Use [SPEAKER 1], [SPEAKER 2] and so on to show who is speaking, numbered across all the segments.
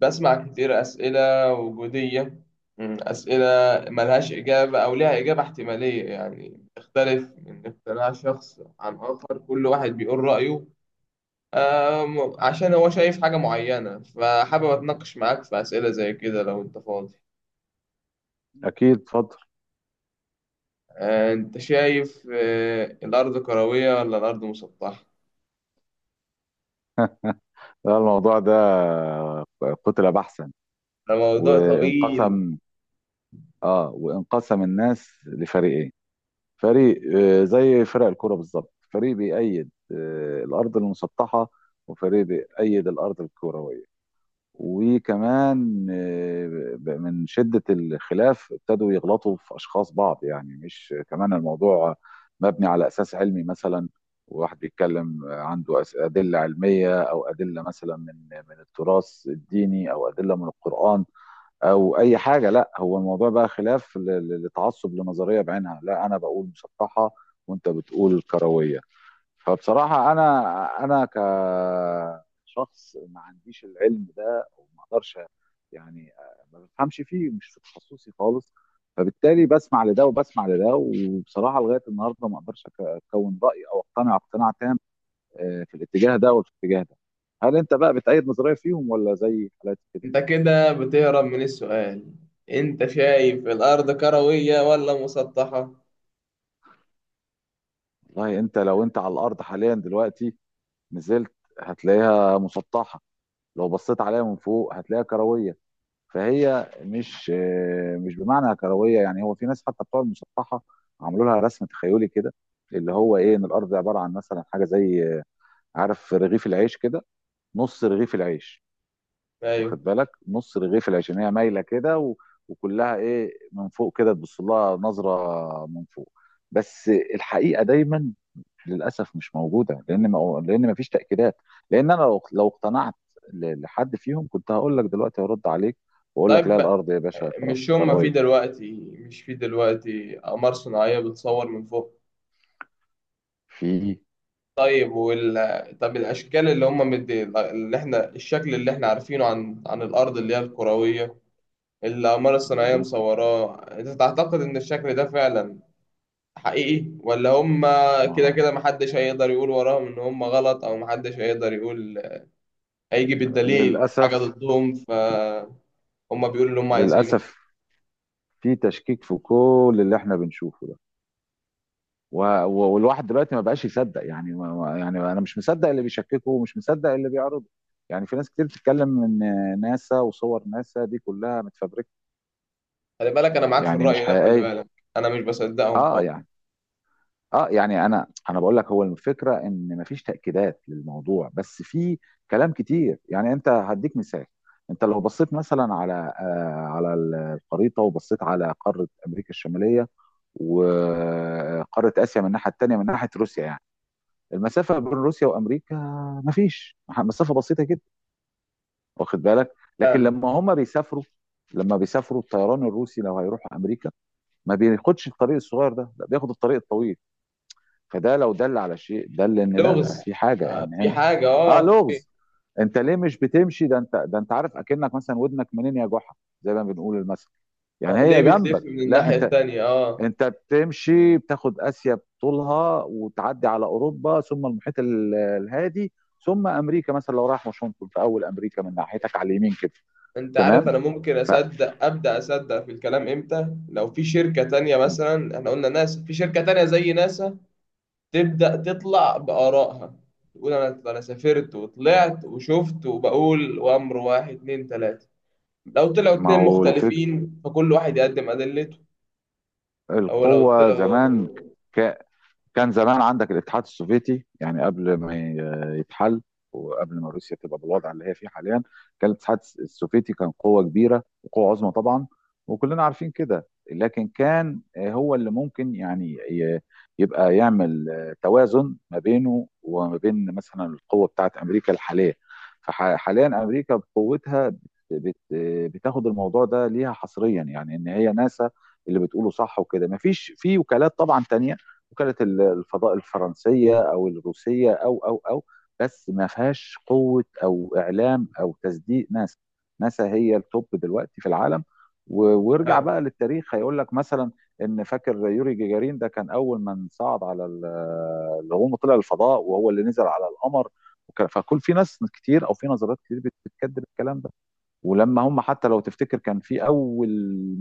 [SPEAKER 1] بسمع كتير أسئلة وجودية، أسئلة ملهاش إجابة أو ليها إجابة احتمالية، يعني تختلف من اقتناع شخص عن آخر، كل واحد بيقول رأيه. عشان هو شايف حاجة معينة، فحابب أتناقش معاك في أسئلة زي كده لو أنت فاضي.
[SPEAKER 2] أكيد اتفضل.
[SPEAKER 1] أنت شايف، الأرض كروية ولا الأرض مسطحة؟
[SPEAKER 2] لا الموضوع ده قتل بحثا
[SPEAKER 1] ده موضوع طويل.
[SPEAKER 2] وانقسم. اه وانقسم الناس لفريقين، فريق زي فرق الكرة بالظبط، فريق بيأيد الأرض المسطحة وفريق بيأيد الأرض الكروية. وكمان من شدة الخلاف ابتدوا يغلطوا في أشخاص بعض، يعني مش كمان الموضوع مبني على أساس علمي مثلا، وواحد بيتكلم عنده أدلة علمية أو أدلة مثلا من التراث الديني أو أدلة من القرآن أو أي حاجة. لا هو الموضوع بقى خلاف لتعصب لنظرية بعينها، لا أنا بقول مسطحة وأنت بتقول كروية. فبصراحة أنا كشخص ما عنديش العلم ده أو ما أقدرش، يعني ما بفهمش فيه، مش في تخصصي خالص. فبالتالي بسمع لده وبسمع لده، وبصراحة لغاية النهاردة ما أقدرش أكون رأي أو أقتنع اقتناع تام، في الاتجاه ده وفي الاتجاه ده. هل أنت بقى بتأيد نظرية فيهم ولا زي حالاتي كده؟
[SPEAKER 1] أنت كده بتهرب من السؤال، أنت شايف الأرض كروية ولا مسطحة؟
[SPEAKER 2] والله أنت لو أنت على الأرض حاليا دلوقتي نزلت هتلاقيها مسطحة، لو بصيت عليها من فوق هتلاقيها كروية. فهي مش مش بمعنى كرويه، يعني هو في ناس حتى بتوع المسطحه عملوا لها رسم تخيلي كده، اللي هو ايه، ان الارض عباره عن مثلا حاجه زي عارف رغيف العيش كده، نص رغيف العيش.
[SPEAKER 1] أيوه.
[SPEAKER 2] واخد بالك نص رغيف العيش، ان هي مايله كده و... وكلها ايه من فوق كده، تبص لها نظره من فوق بس. الحقيقه دايما للاسف مش موجوده، لان ما لان ما فيش تاكيدات، لان انا لو اقتنعت لحد فيهم كنت هقول لك دلوقتي هرد عليك واقول لك لا
[SPEAKER 1] طيب،
[SPEAKER 2] الارض يا باشا كرويه.
[SPEAKER 1] مش في دلوقتي أقمار صناعية بتصور من فوق؟
[SPEAKER 2] في.
[SPEAKER 1] طيب طب، الأشكال اللي هما مدي اللي احنا الشكل اللي احنا عارفينه عن الأرض اللي هي الكروية، اللي الأقمار الصناعية
[SPEAKER 2] مظبوط.
[SPEAKER 1] مصوراه، أنت تعتقد إن الشكل ده فعلا حقيقي؟ ولا هما
[SPEAKER 2] ما
[SPEAKER 1] كده
[SPEAKER 2] هو
[SPEAKER 1] كده محدش هيقدر يقول وراهم إن هما غلط، أو محدش هيقدر يقول هيجي بالدليل حاجة
[SPEAKER 2] للاسف.
[SPEAKER 1] ضدهم، فهم بيقولوا اللي هم عايزينه.
[SPEAKER 2] للاسف في تشكيك في كل اللي احنا بنشوفه ده، والواحد دلوقتي ما بقاش يصدق، يعني يعني انا مش مصدق اللي بيشككه ومش مصدق اللي بيعرضه. يعني في ناس كتير بتتكلم ان ناسا وصور ناسا دي كلها متفبركه،
[SPEAKER 1] خلي بالك أنا معاك في
[SPEAKER 2] يعني مش
[SPEAKER 1] الرأي ده، خلي
[SPEAKER 2] حقيقيه.
[SPEAKER 1] بالك، أنا مش بصدقهم
[SPEAKER 2] اه
[SPEAKER 1] خالص.
[SPEAKER 2] يعني. اه يعني انا بقول لك هو الفكره ان مفيش تاكيدات للموضوع، بس في كلام كتير. يعني انت هديك مثال، انت لو بصيت مثلا على على الخريطه، وبصيت على قاره امريكا الشماليه وقاره اسيا من الناحيه التانيه من ناحيه روسيا، يعني المسافه بين روسيا وامريكا مفيش مسافه، بسيطه جدا، واخد بالك. لكن لما هم بيسافروا، لما بيسافروا الطيران الروسي لو هيروحوا امريكا ما بياخدش الطريق الصغير ده، لا بياخد الطريق الطويل. فده لو دل على شيء دل ان لا
[SPEAKER 1] لغز.
[SPEAKER 2] في حاجه ان
[SPEAKER 1] في
[SPEAKER 2] هنا.
[SPEAKER 1] حاجة،
[SPEAKER 2] اه
[SPEAKER 1] في،
[SPEAKER 2] لغز. انت ليه مش بتمشي ده، انت ده انت عارف، اكنك مثلا ودنك منين يا جحا زي ما بنقول المثل، يعني
[SPEAKER 1] اه ليه
[SPEAKER 2] هي
[SPEAKER 1] بتلف
[SPEAKER 2] جنبك
[SPEAKER 1] من
[SPEAKER 2] لا
[SPEAKER 1] الناحية
[SPEAKER 2] انت.
[SPEAKER 1] التانية
[SPEAKER 2] انت بتمشي بتاخد اسيا بطولها وتعدي على اوروبا ثم المحيط الهادي ثم امريكا، مثلا لو رايح واشنطن في اول امريكا من ناحيتك على اليمين كده.
[SPEAKER 1] انت عارف،
[SPEAKER 2] تمام.
[SPEAKER 1] انا ممكن
[SPEAKER 2] ف.
[SPEAKER 1] اصدق، ابدا اصدق في الكلام، امتى؟ لو في شركة تانية مثلا، احنا قلنا ناسا، في شركة تانية زي ناسا تبدا تطلع بآرائها، تقول انا سافرت وطلعت وشفت، وبقول وامر واحد اتنين تلاتة. لو طلعوا
[SPEAKER 2] ما
[SPEAKER 1] اتنين
[SPEAKER 2] هو الفك...
[SPEAKER 1] مختلفين فكل واحد يقدم ادلته، او لو
[SPEAKER 2] القوه
[SPEAKER 1] طلعوا
[SPEAKER 2] زمان كان زمان عندك الاتحاد السوفيتي، يعني قبل ما يتحل وقبل ما روسيا تبقى بالوضع اللي هي فيه حاليا، كان الاتحاد السوفيتي كان قوة كبيرة وقوة عظمى طبعا وكلنا عارفين كده. لكن كان هو اللي ممكن يعني يبقى يعمل توازن ما بينه وما بين مثلا القوة بتاعت أمريكا الحالية. فحاليا أمريكا بقوتها بت- بتاخد الموضوع ده ليها حصريا، يعني إن هي ناسا اللي بتقوله صح، وكده مفيش في وكالات طبعا تانية، وكالة الفضاء الفرنسية أو الروسية أو بس ما فيهاش قوة أو إعلام أو تصديق ناسا. ناسا هي التوب دلوقتي في العالم. وارجع
[SPEAKER 1] اه
[SPEAKER 2] بقى للتاريخ هيقول لك مثلا ان، فاكر يوري جيجارين ده كان اول من صعد على اللي هو طلع الفضاء وهو اللي نزل على القمر. فكل، في ناس كتير او في نظريات كتير بتكذب الكلام ده. ولما هم حتى، لو تفتكر كان في اول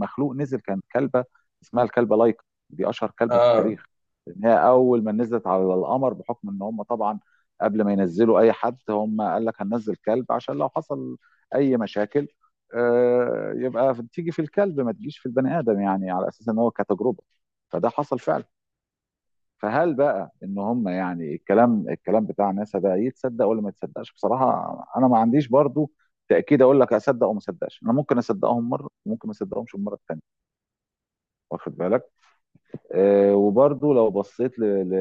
[SPEAKER 2] مخلوق نزل كان كلبه، اسمها الكلبه لايكا، دي اشهر كلبه في
[SPEAKER 1] آه،
[SPEAKER 2] التاريخ. لان هي اول ما نزلت على القمر، بحكم ان هم طبعا قبل ما ينزلوا اي حد هم قال لك هننزل كلب، عشان لو حصل اي مشاكل، يبقى تيجي في الكلب ما تجيش في البني ادم، يعني على اساس ان هو كتجربه، فده حصل فعلا. فهل بقى ان هم، يعني الكلام، الكلام بتاع ناسا ده يتصدق ولا ما يتصدقش؟ بصراحه انا ما عنديش برضو تاكيد اقول لك اصدق او ما اصدقش، انا ممكن اصدقهم مره وممكن ما اصدقهمش المره الثانيه، واخد بالك. أه وبرضو لو بصيت ل... ل...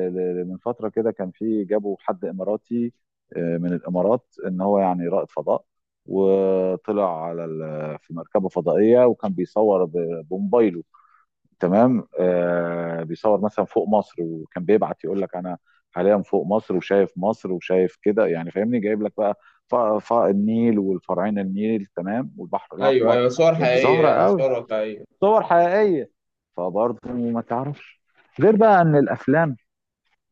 [SPEAKER 2] ل... من فتره كده كان في، جابوا حد اماراتي، من الامارات، ان هو يعني رائد فضاء وطلع على في مركبه فضائيه وكان بموبايله. تمام، آه بيصور مثلا فوق مصر، وكان بيبعت يقول لك انا حاليا فوق مصر وشايف مصر وشايف كده، يعني فاهمني، جايب لك بقى النيل والفرعين النيل تمام والبحر
[SPEAKER 1] ايوه،
[SPEAKER 2] الاحمر.
[SPEAKER 1] ايوه، صور
[SPEAKER 2] يعني
[SPEAKER 1] حقيقية،
[SPEAKER 2] ظاهره
[SPEAKER 1] يعني
[SPEAKER 2] قوي،
[SPEAKER 1] صور واقعية.
[SPEAKER 2] صور حقيقيه. فبرضه ما تعرفش غير بقى ان الافلام،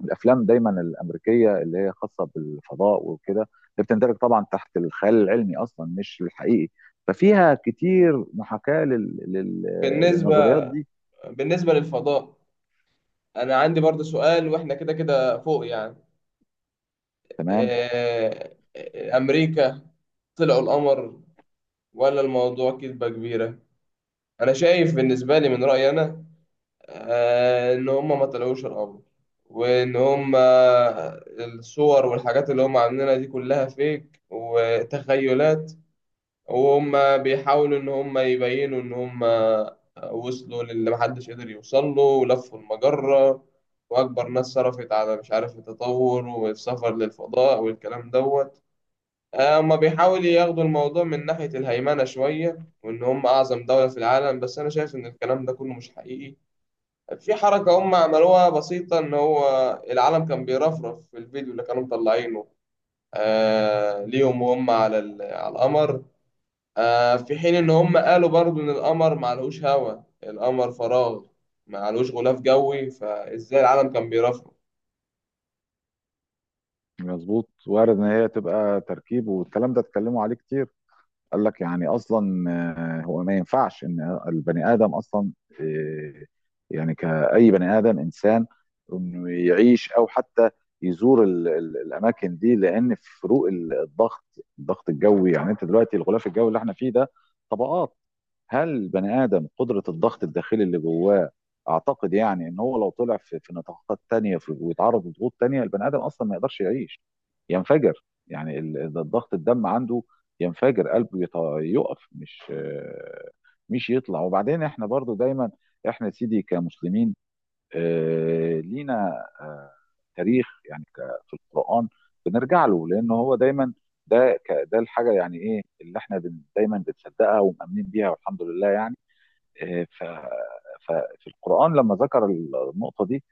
[SPEAKER 2] الافلام دايما الامريكيه اللي هي خاصه بالفضاء وكده، اللي بتندرج طبعا تحت الخيال العلمي اصلا مش الحقيقي، ففيها كتير محاكاه
[SPEAKER 1] بالنسبة
[SPEAKER 2] للنظريات دي.
[SPEAKER 1] بالنسبة للفضاء، أنا عندي برضه سؤال، وإحنا كده كده فوق يعني.
[SPEAKER 2] تمام.
[SPEAKER 1] أمريكا طلعوا القمر ولا الموضوع كذبة كبيرة؟ أنا شايف، بالنسبة لي من رأيي أنا، إن هما ما طلعوش القمر، وإن هما الصور والحاجات اللي هما عاملينها دي كلها فيك وتخيلات، وهم بيحاولوا إن هم يبينوا إن هم وصلوا للي محدش قدر يوصل له ولفوا المجرة، وأكبر ناس صرفت على مش عارف التطور والسفر للفضاء والكلام دوت. هما بيحاولوا ياخدوا الموضوع من ناحية الهيمنة شوية، وإن هم أعظم دولة في العالم، بس أنا شايف إن الكلام ده كله مش حقيقي. في حركة هم عملوها بسيطة، إن هو العالم كان بيرفرف في الفيديو اللي كانوا مطلعينه ليهم وهم على على القمر، في حين ان هم قالوا برضو ان القمر معلهوش هوا، القمر فراغ، معلهوش غلاف جوي، فازاي العالم كان بيرفرف؟
[SPEAKER 2] مظبوط، وارد ان هي تبقى تركيب، والكلام ده اتكلموا عليه كتير. قال لك يعني اصلا هو ما ينفعش ان البني ادم اصلا، آه، يعني كاي بني ادم، انسان، انه يعيش او حتى يزور الاماكن دي، لان فروق الضغط، الضغط الجوي، يعني انت دلوقتي الغلاف الجوي اللي احنا فيه ده طبقات. هل البني ادم قدره الضغط الداخلي اللي جواه، اعتقد يعني ان هو لو طلع في في نطاقات تانية ويتعرض لضغوط تانية البني ادم اصلا ما يقدرش يعيش، ينفجر، يعني الضغط الدم عنده، ينفجر قلبه، يقف، مش مش يطلع. وبعدين احنا برضو دايما، احنا يا سيدي كمسلمين، لينا تاريخ يعني، في القرآن بنرجع له، لأن هو دايما ده ده الحاجة يعني إيه اللي إحنا دايما بنصدقها ومؤمنين بيها، والحمد لله يعني. آه، ف ففي القرآن لما ذكر النقطة دي،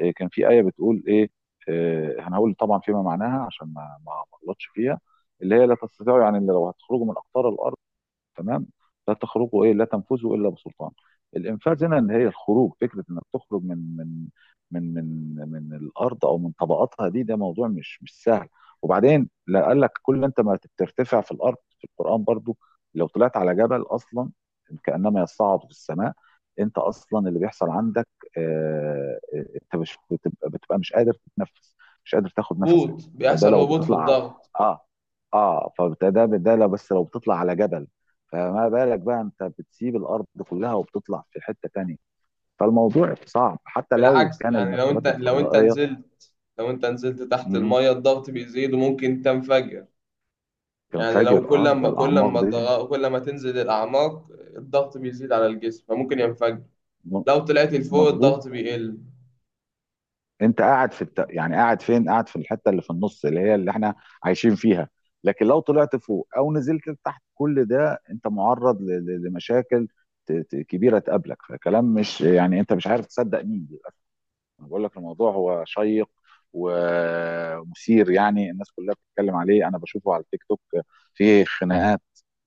[SPEAKER 2] كان في آية بتقول إيه، أنا هقول طبعا فيما معناها عشان ما أغلطش فيها، اللي هي لا تستطيعوا، يعني إلا لو هتخرجوا من أقطار الأرض، تمام، لا تخرجوا ايه، لا تنفذوا الا بسلطان. الانفاذ هنا ان هي الخروج، فكره انك تخرج من من الارض او من طبقاتها دي، ده موضوع مش مش سهل. وبعدين لا قال لك كل انت ما بترتفع في الارض، في القران برضو لو طلعت على جبل اصلا كانما يصعد في السماء. انت اصلا اللي بيحصل عندك انت مش بتبقى, بتبقى مش قادر تتنفس، مش قادر تاخد نفسك.
[SPEAKER 1] هبوط،
[SPEAKER 2] فده
[SPEAKER 1] بيحصل
[SPEAKER 2] لو
[SPEAKER 1] هبوط في
[SPEAKER 2] بتطلع على،
[SPEAKER 1] الضغط.
[SPEAKER 2] اه اه فده ده لو بس لو بتطلع على جبل، فما بالك بقى انت بتسيب الارض كلها وبتطلع في حته تانية؟ فالموضوع صعب حتى لو
[SPEAKER 1] بالعكس،
[SPEAKER 2] كان
[SPEAKER 1] يعني
[SPEAKER 2] المركبات الفضائيه
[SPEAKER 1] لو انت نزلت تحت
[SPEAKER 2] مهم.
[SPEAKER 1] المية الضغط بيزيد وممكن تنفجر.
[SPEAKER 2] كان
[SPEAKER 1] يعني لو
[SPEAKER 2] فاجر
[SPEAKER 1] كل
[SPEAKER 2] اه ده
[SPEAKER 1] ما كل
[SPEAKER 2] الاعماق
[SPEAKER 1] ما
[SPEAKER 2] دي.
[SPEAKER 1] الضغ- كل ما تنزل الاعماق الضغط بيزيد على الجسم، فممكن ينفجر.
[SPEAKER 2] م-
[SPEAKER 1] لو طلعت لفوق
[SPEAKER 2] مظبوط.
[SPEAKER 1] الضغط بيقل.
[SPEAKER 2] انت قاعد في يعني قاعد فين، قاعد في الحته اللي في النص اللي هي اللي احنا عايشين فيها. لكن لو طلعت فوق او نزلت تحت، كل ده انت معرض لمشاكل كبيره تقابلك. فكلام، مش يعني، انت مش عارف تصدق مين. انا بقول لك الموضوع هو شيق ومثير، يعني الناس كلها بتتكلم عليه، انا بشوفه على التيك توك، فيه خناقات،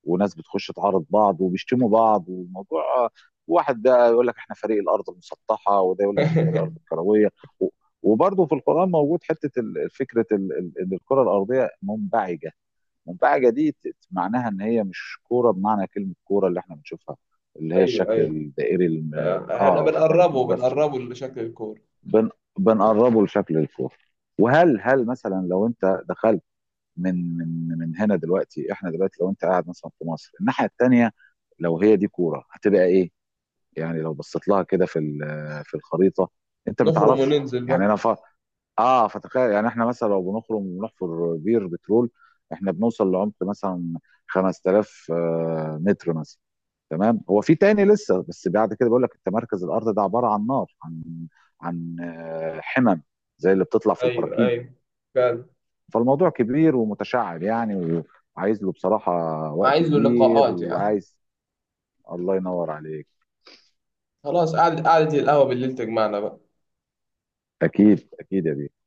[SPEAKER 2] وناس بتخش تعارض بعض وبيشتموا بعض، والموضوع واحد ده يقول لك احنا فريق الارض المسطحه، وده يقول لك الفريق الارض الكرويه. و- وبرضه في القران موجود حته فكره ان الكره الارضيه منبعجه، منبعجه دي معناها ان هي مش كوره بمعنى كلمه كوره اللي احنا بنشوفها، اللي هي
[SPEAKER 1] ايوه،
[SPEAKER 2] الشكل
[SPEAKER 1] ايوه،
[SPEAKER 2] الدائري
[SPEAKER 1] احنا
[SPEAKER 2] اه واخد بالك
[SPEAKER 1] بنقربه
[SPEAKER 2] المجسم،
[SPEAKER 1] بنقربه لشكل الكورة،
[SPEAKER 2] بن بنقربه لشكل الفور. وهل هل مثلا لو انت دخلت من من هنا، دلوقتي احنا دلوقتي لو انت قاعد مثلا في مصر الناحيه التانيه، لو هي دي كوره هتبقى ايه؟ يعني لو بصيت لها كده في في الخريطه انت ما
[SPEAKER 1] نخرم
[SPEAKER 2] تعرفش.
[SPEAKER 1] وننزل بقى.
[SPEAKER 2] يعني انا ف... اه فتخيل، يعني احنا مثلا لو بنخرج ونحفر بير بترول احنا بنوصل لعمق مثلا 5000 متر مثلا، تمام. هو في تاني لسه، بس بعد كده بيقول لك انت مركز الارض ده عباره عن نار، عن عن حمم زي اللي بتطلع في
[SPEAKER 1] ايوه،
[SPEAKER 2] البراكين.
[SPEAKER 1] ايوه، فعلا،
[SPEAKER 2] فالموضوع كبير ومتشعب يعني، وعايز له بصراحه وقت
[SPEAKER 1] عايز له
[SPEAKER 2] كبير
[SPEAKER 1] لقاءات يعني.
[SPEAKER 2] وعايز. الله ينور عليك.
[SPEAKER 1] خلاص، قعدة قعدة القهوة بالليل تجمعنا بقى.
[SPEAKER 2] اكيد اكيد يا بيه.